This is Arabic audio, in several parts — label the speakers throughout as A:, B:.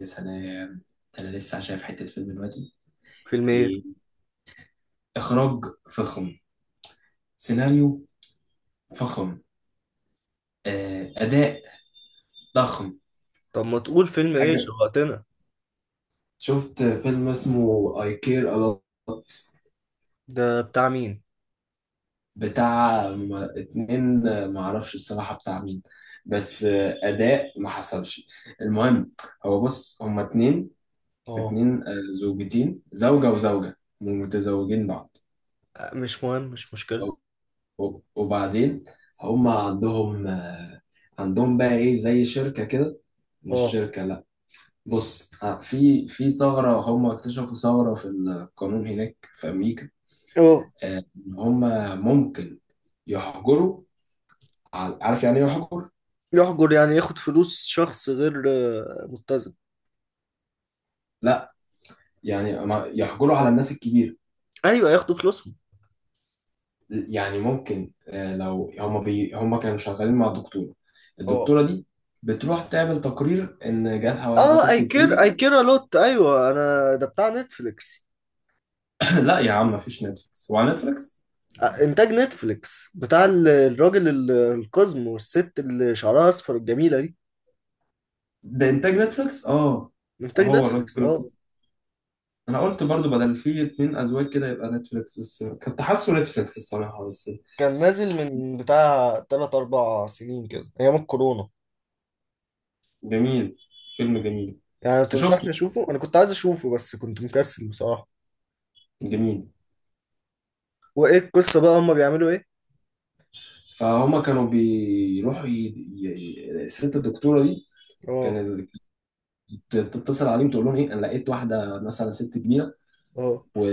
A: يا سلام. ده انا لسه شايف حته فيلم دلوقتي،
B: فيلم ايه؟
A: ايه؟ اخراج فخم، سيناريو فخم، اداء ضخم.
B: طب ما تقول فيلم ايه،
A: حاجه،
B: شوقتنا.
A: شفت فيلم اسمه I Care A Lot.
B: ده بتاع مين؟
A: بتاع اتنين، معرفش الصراحه بتاع مين، بس اداء ما حصلش. المهم، هو بص، هما اتنين،
B: اه،
A: اتنين، زوجتين، زوجه وزوجه متزوجين بعض.
B: مش مهم، مش مشكلة.
A: وبعدين هم عندهم عندهم بقى ايه، زي شركة كده، مش
B: اه.
A: شركة، لا. بص، في ثغرة، هم اكتشفوا ثغرة في القانون هناك في أمريكا،
B: اه،
A: إن هم ممكن يحجروا على، عارف يعني ايه يحجر؟
B: يحجر يعني ياخد فلوس شخص غير متزن.
A: لا، يعني يحجروا على الناس الكبيرة.
B: ايوه، ياخدوا فلوسهم.
A: يعني ممكن لو هم هم كانوا شغالين مع دكتورة،
B: اه.
A: الدكتورة دي بتروح تعمل تقرير إن جالها واحدة
B: اه، اي
A: ست
B: كير،
A: كبيرة.
B: اي كير الوت. ايوه، انا ده بتاع نتفليكس.
A: لا يا عم، مفيش نتفليكس، هو على نتفليكس؟
B: انتاج نتفليكس بتاع الراجل القزم والست اللي شعرها اصفر الجميله دي.
A: ده انتاج نتفليكس، اه.
B: انتاج
A: هو الراجل
B: نتفليكس اه.
A: القصة، انا قلت برضو بدل فيه اتنين ازواج كده يبقى نتفليكس، بس كنت حاسه نتفليكس الصراحة بس.
B: كان نازل من بتاع 3 4 سنين كده ايام الكورونا.
A: جميل، فيلم جميل.
B: يعني
A: انت
B: تنصحني
A: شفته؟
B: اشوفه؟ انا كنت عايز اشوفه بس كنت مكسل بصراحة.
A: جميل.
B: وايه القصة بقى، هما بيعملوا ايه؟
A: فهما كانوا بيروحوا الست الدكتورة دي كان
B: اه.
A: تتصل عليهم، تقول لهم ايه، انا لقيت واحدة مثلا ست كبيرة،
B: اه.
A: و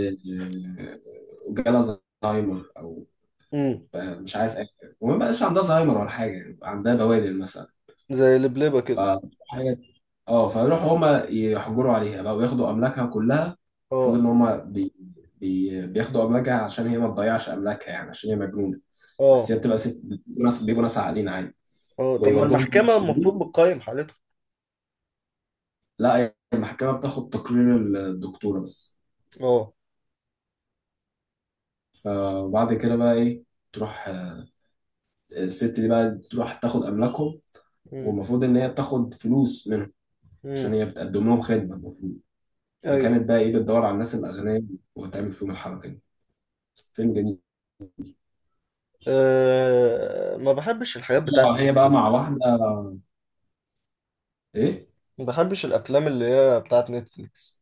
A: وجالها زهايمر او
B: امم.
A: مش عارف ايه، وما بقاش عندها زهايمر ولا حاجة، عندها بوادر مثلا.
B: زي لبلبة
A: ف
B: كده.
A: حاجة- اه، فيروحوا هما يحجروا عليها بقى وياخدوا املاكها كلها. المفروض
B: اه.
A: ان هما بياخدوا املاكها عشان هي ما تضيعش املاكها، يعني عشان هي مجنونه، بس
B: اه.
A: هي بتبقى ست، بيبقوا ناس، بيبقوا ناس عاقلين عادي،
B: اه، طب ما
A: ويودوهم
B: المحكمة
A: للمسجون.
B: المفروض بتقيم حالته.
A: لا، هي المحكمه بتاخد تقرير الدكتوره بس.
B: اه.
A: فبعد كده بقى ايه، تروح الست دي بقى تروح تاخد املاكهم،
B: امم.
A: والمفروض ان هي بتاخد فلوس منهم
B: امم.
A: عشان هي بتقدم لهم خدمه المفروض.
B: ايوه.
A: فكانت بقى ايه، بتدور على الناس الاغنياء وتعمل فيهم الحركه دي. فيلم جميل.
B: أه، ما بحبش الحاجات بتاعت
A: هي بقى مع
B: نتفليكس.
A: واحدة، ايه؟
B: ما بحبش الافلام اللي هي بتاعت نتفليكس.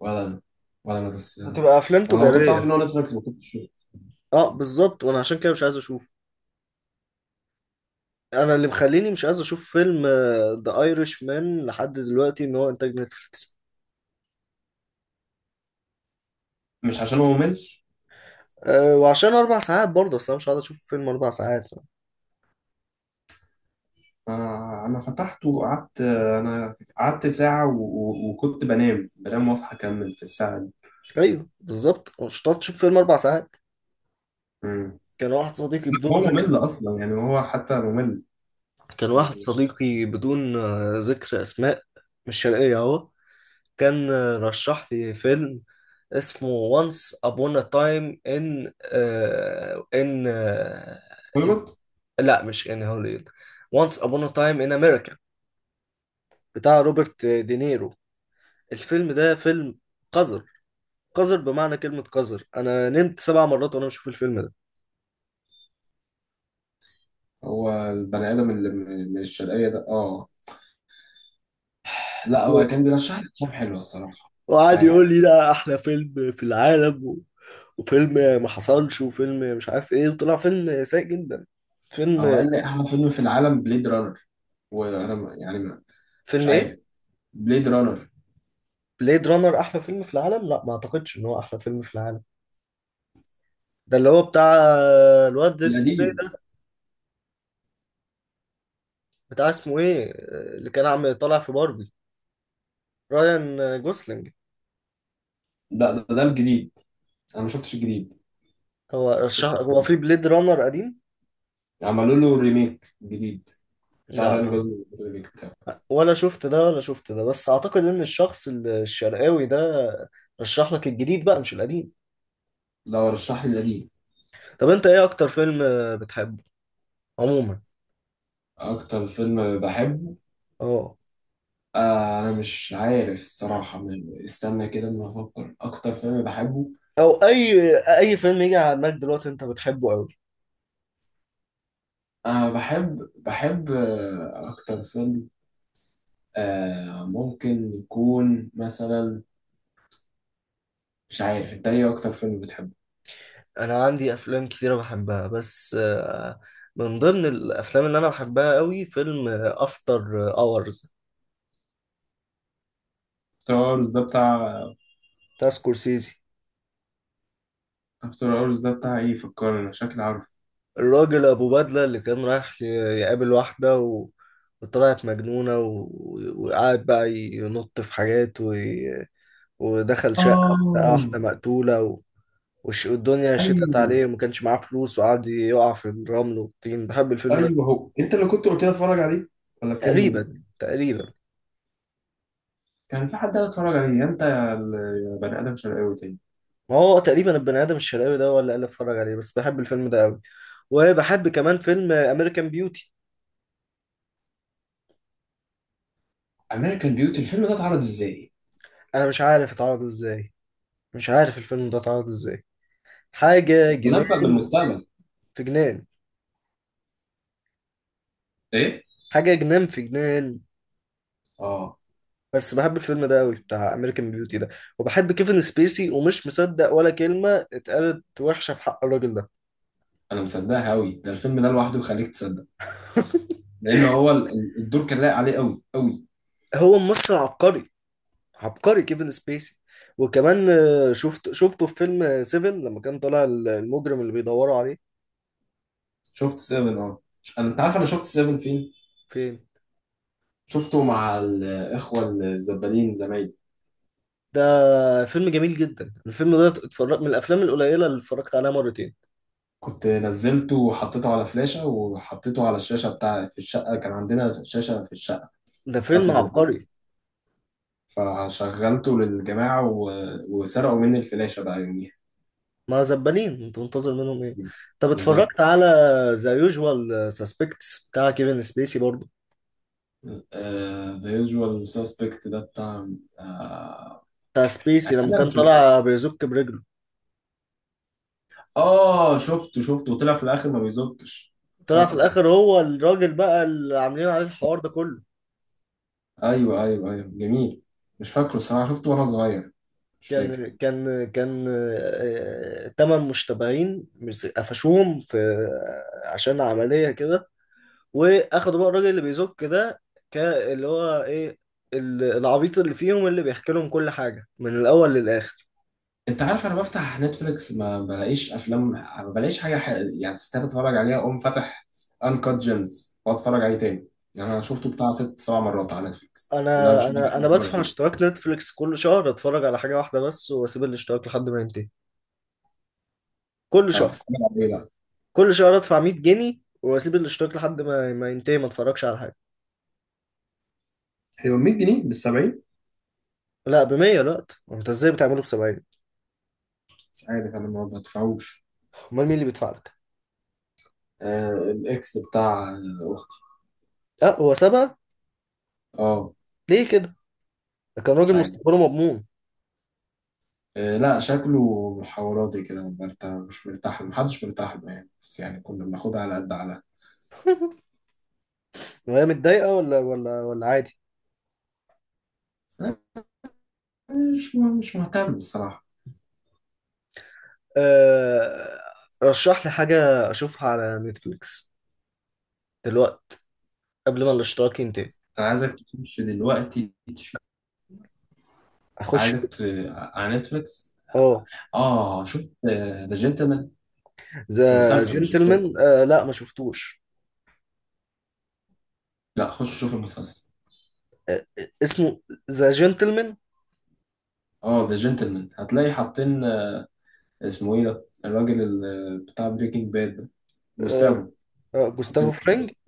A: ولا انا، ولا انا، بس انا
B: بتبقى افلام
A: لو كنت
B: تجارية.
A: عارف ان هو نتفليكس ما كنتش.
B: اه، بالظبط، وانا عشان كده مش عايز اشوفه. انا اللي مخليني مش عايز اشوف فيلم ذا ايرش مان لحد دلوقتي ان هو انتاج نتفليكس.
A: مش عشان هو ممل،
B: أه، وعشان 4 ساعات برضه، اصل انا مش هقعد اشوف فيلم 4 ساعات.
A: انا فتحته وقعدت، انا قعدت ساعة وكنت بنام، بنام واصحى اكمل في الساعة دي.
B: ايوه، بالظبط، مش هتقعد تشوف فيلم 4 ساعات.
A: مم.
B: كان واحد صديقي بدون
A: هو
B: ذكر.
A: ممل اصلا يعني، هو حتى ممل.
B: كان واحد
A: مش
B: صديقي بدون ذكر اسماء. مش شرقيه اهو. كان رشح لي فيلم اسمه Once Upon a Time in in.
A: هوليوود.
B: لا مش in هوليوود. Once Upon a Time in America بتاع روبرت دينيرو. الفيلم ده فيلم قذر. قذر بمعنى كلمة قذر، أنا نمت 7 مرات وأنا بشوف الفيلم ده.
A: هو البني ادم اللي من الشرقية ده، اه، لا هو
B: و-
A: كان بيرشح لي افلام حلوه الصراحه،
B: وقعد
A: ساعات.
B: يقول لي ده احلى فيلم في العالم وفيلم ما حصلش، وفيلم مش عارف ايه، وطلع فيلم سيء جدا.
A: هو
B: فيلم.
A: قال لي احلى فيلم في العالم بليد رانر، وانا يعني مش
B: فيلم إيه؟
A: عارف بليد رانر
B: بليد رانر أحلى فيلم في العالم؟ لا، ما أعتقدش إن هو أحلى فيلم في العالم. ده اللي هو بتاع الواد ده اسمه إيه
A: القديم.
B: ده؟ بتاع اسمه إيه؟ اللي كان عم طالع في باربي، رايان جوسلينج.
A: ده الجديد، انا ما شفتش الجديد،
B: هو
A: شفت
B: الشهر، هو في بليد رانر قديم؟
A: عملوا له ريميك جديد بتاع
B: لا.
A: راين
B: ما
A: جوزلينج، الريميك بتاعه،
B: ولا شفت ده ولا شفت ده، بس اعتقد ان الشخص الشرقاوي ده رشح لك الجديد بقى مش القديم.
A: لو رشح لي القديم.
B: طب انت ايه اكتر فيلم بتحبه عموما؟
A: اكتر فيلم بحبه،
B: اه،
A: آه انا مش عارف الصراحه، استنى كده اما افكر اكتر فيلم بحبه.
B: او اي فيلم يجي على دماغك دلوقتي انت بتحبه قوي.
A: انا بحب اكتر فيلم، آه ممكن يكون مثلا، مش عارف، انت ايه اكتر فيلم بتحبه؟
B: انا عندي افلام كتيره بحبها، بس من ضمن الافلام اللي انا بحبها قوي فيلم افتر اورز
A: افتر اورز ده بتاع،
B: بتاع سكورسيزي.
A: افتر اورز ده بتاع ايه، فكرني، شكلي عارف.
B: الراجل ابو بدله اللي كان رايح يقابل واحده وطلعت مجنونه وقعد بقى ينط في حاجات ودخل شقه، لقى واحده
A: آه
B: مقتوله والدنيا شتت عليه
A: ايوه،
B: وما كانش معاه فلوس وقعد يقع في الرمل والطين. بحب الفيلم ده.
A: ايوه، هو انت اللي كنت قلت لي اتفرج عليه ولا كان مين؟
B: تقريبا تقريبا.
A: كان في حد قال اتفرج عليه انت يا يا بني ادم شرقاوي تاني.
B: ما هو تقريبا البني ادم الشرقاوي ده ولا اللي اتفرج عليه، بس بحب الفيلم ده قوي. وبحب كمان فيلم امريكان بيوتي.
A: امريكان بيوتي، الفيلم ده اتعرض ازاي؟
B: انا مش عارف اتعرض ازاي. مش عارف الفيلم ده اتعرض ازاي. حاجه
A: تنبأ
B: جنان،
A: بالمستقبل.
B: في جنان.
A: ايه؟
B: حاجة جنان، في جنان.
A: اه،
B: بس بحب الفيلم ده قوي، بتاع امريكان بيوتي ده. وبحب كيفن سبيسي، ومش مصدق ولا كلمة اتقالت وحشة في حق الراجل ده.
A: انا مصدقها قوي، ده الفيلم ده لوحده يخليك تصدق، لان هو الدور كان لايق عليه قوي قوي.
B: هو ممثل عبقري. عبقري كيفن سبيسي. وكمان شفته في فيلم سيفن لما كان طالع المجرم اللي بيدوروا عليه.
A: شفت سيفن، اه. انا، انت عارف انا شفت سيفن فين؟
B: فين؟
A: شفته مع الاخوه الزبالين زمايلي.
B: ده فيلم جميل جدا. الفيلم ده اتفرجت، من الافلام القليله اللي اتفرجت عليها مرتين.
A: كنت نزلته وحطيته على فلاشه، وحطيته على الشاشه بتاع في الشقه، كان عندنا شاشه في الشقه
B: ده
A: بتاعت
B: فيلم
A: الزبالين،
B: عبقري.
A: فشغلته للجماعة وسرقوا مني الفلاشة بقى يوميها.
B: ما زبالين، انت منتظر منهم ايه. طب اتفرجت
A: بالظبط.
B: بالظبط على ذا يوجوال سسبكتس بتاع كيفن سبيسي برضه؟
A: ذا يوجوال سسبكت ده بتاع آه،
B: بتاع
A: اكيد
B: سبيسي لما
A: اكيد انا
B: كان
A: شفته،
B: طالع بيزك برجله.
A: اه شفته شفته، وطلع في الاخر ما بيزكش.
B: طلع في
A: فاكره.
B: الاخر هو الراجل بقى اللي عاملين عليه الحوار ده كله.
A: ايوه ايوه ايوه، جميل، مش فاكره الصراحة، شفته وانا صغير، مش فاكر.
B: كان 8 مشتبهين قفشوهم في عشان عملية كده. واخدوا بقى الراجل اللي بيزك ده، اللي هو ايه، العبيط اللي فيهم اللي بيحكي لهم كل حاجة من الاول للاخر.
A: انت عارف انا بفتح نتفليكس ما بلاقيش افلام، ما بلاقيش حاجه يعني تستاهل اتفرج عليها، اقوم فاتح انكات جيمز واتفرج عليه تاني. يعني انا شفته بتاع ست سبع مرات على نتفليكس اللي انا
B: انا
A: مش لاقي
B: انا
A: حاجه
B: انا
A: اتفرج
B: بدفع
A: عليه.
B: اشتراك نتفليكس كل شهر، اتفرج على حاجه واحده بس واسيب الاشتراك لحد ما ينتهي. كل
A: اه،
B: شهر.
A: بتتفرج على ايه بقى؟
B: كل شهر ادفع 100 جنيه واسيب الاشتراك لحد ما ينتهي، ما اتفرجش على حاجه.
A: هو 100 جنيه بال 70؟
B: لا، ب 100، لا. انت ازاي بتعمله ب 70؟
A: مش عارف، انا ما بدفعوش.
B: امال مين اللي بيدفع لك؟
A: آه الاكس بتاع اختي.
B: اه، هو 7.
A: اه،
B: ليه كده، ده كان
A: مش
B: راجل
A: عارف،
B: مستقبله مضمون.
A: آه لا شكله محاوراتي كده، مرتاح مش مرتاح له. محدش مرتاح له يعني، بس يعني كنا بناخدها على قد على،
B: وهي متضايقه ولا عادي؟
A: مش مش مهتم الصراحه.
B: أه... رشح لي حاجه اشوفها على نتفليكس دلوقتي قبل ما الاشتراك ينتهي.
A: انا عايزك تخش دلوقتي تشوف،
B: اخش.
A: عايزك على نتفليكس.
B: اه،
A: اه، شفت ذا جنتلمان؟
B: ذا
A: المسلسل مش الفيلم،
B: جنتلمان، آه لا، ما شفتوش.
A: لا خش شوف المسلسل.
B: اسمه ذا جنتلمان؟
A: اه ذا جنتلمان، هتلاقي حاطين اسمه ايه ده، الراجل بتاع بريكنج باد ده، جوستافو، حاطين
B: جوستافو
A: له
B: فرينج.
A: البوستر،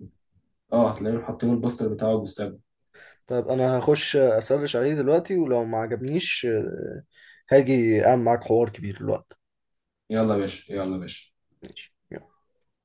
A: اه هتلاقيهم حاطين البوستر بتاعه جوستافو.
B: طيب انا هخش اسرش عليه دلوقتي، ولو ما عجبنيش هاجي اعمل معاك حوار كبير الوقت.
A: يلا يا باشا، يلا يا باشا.
B: ماشي.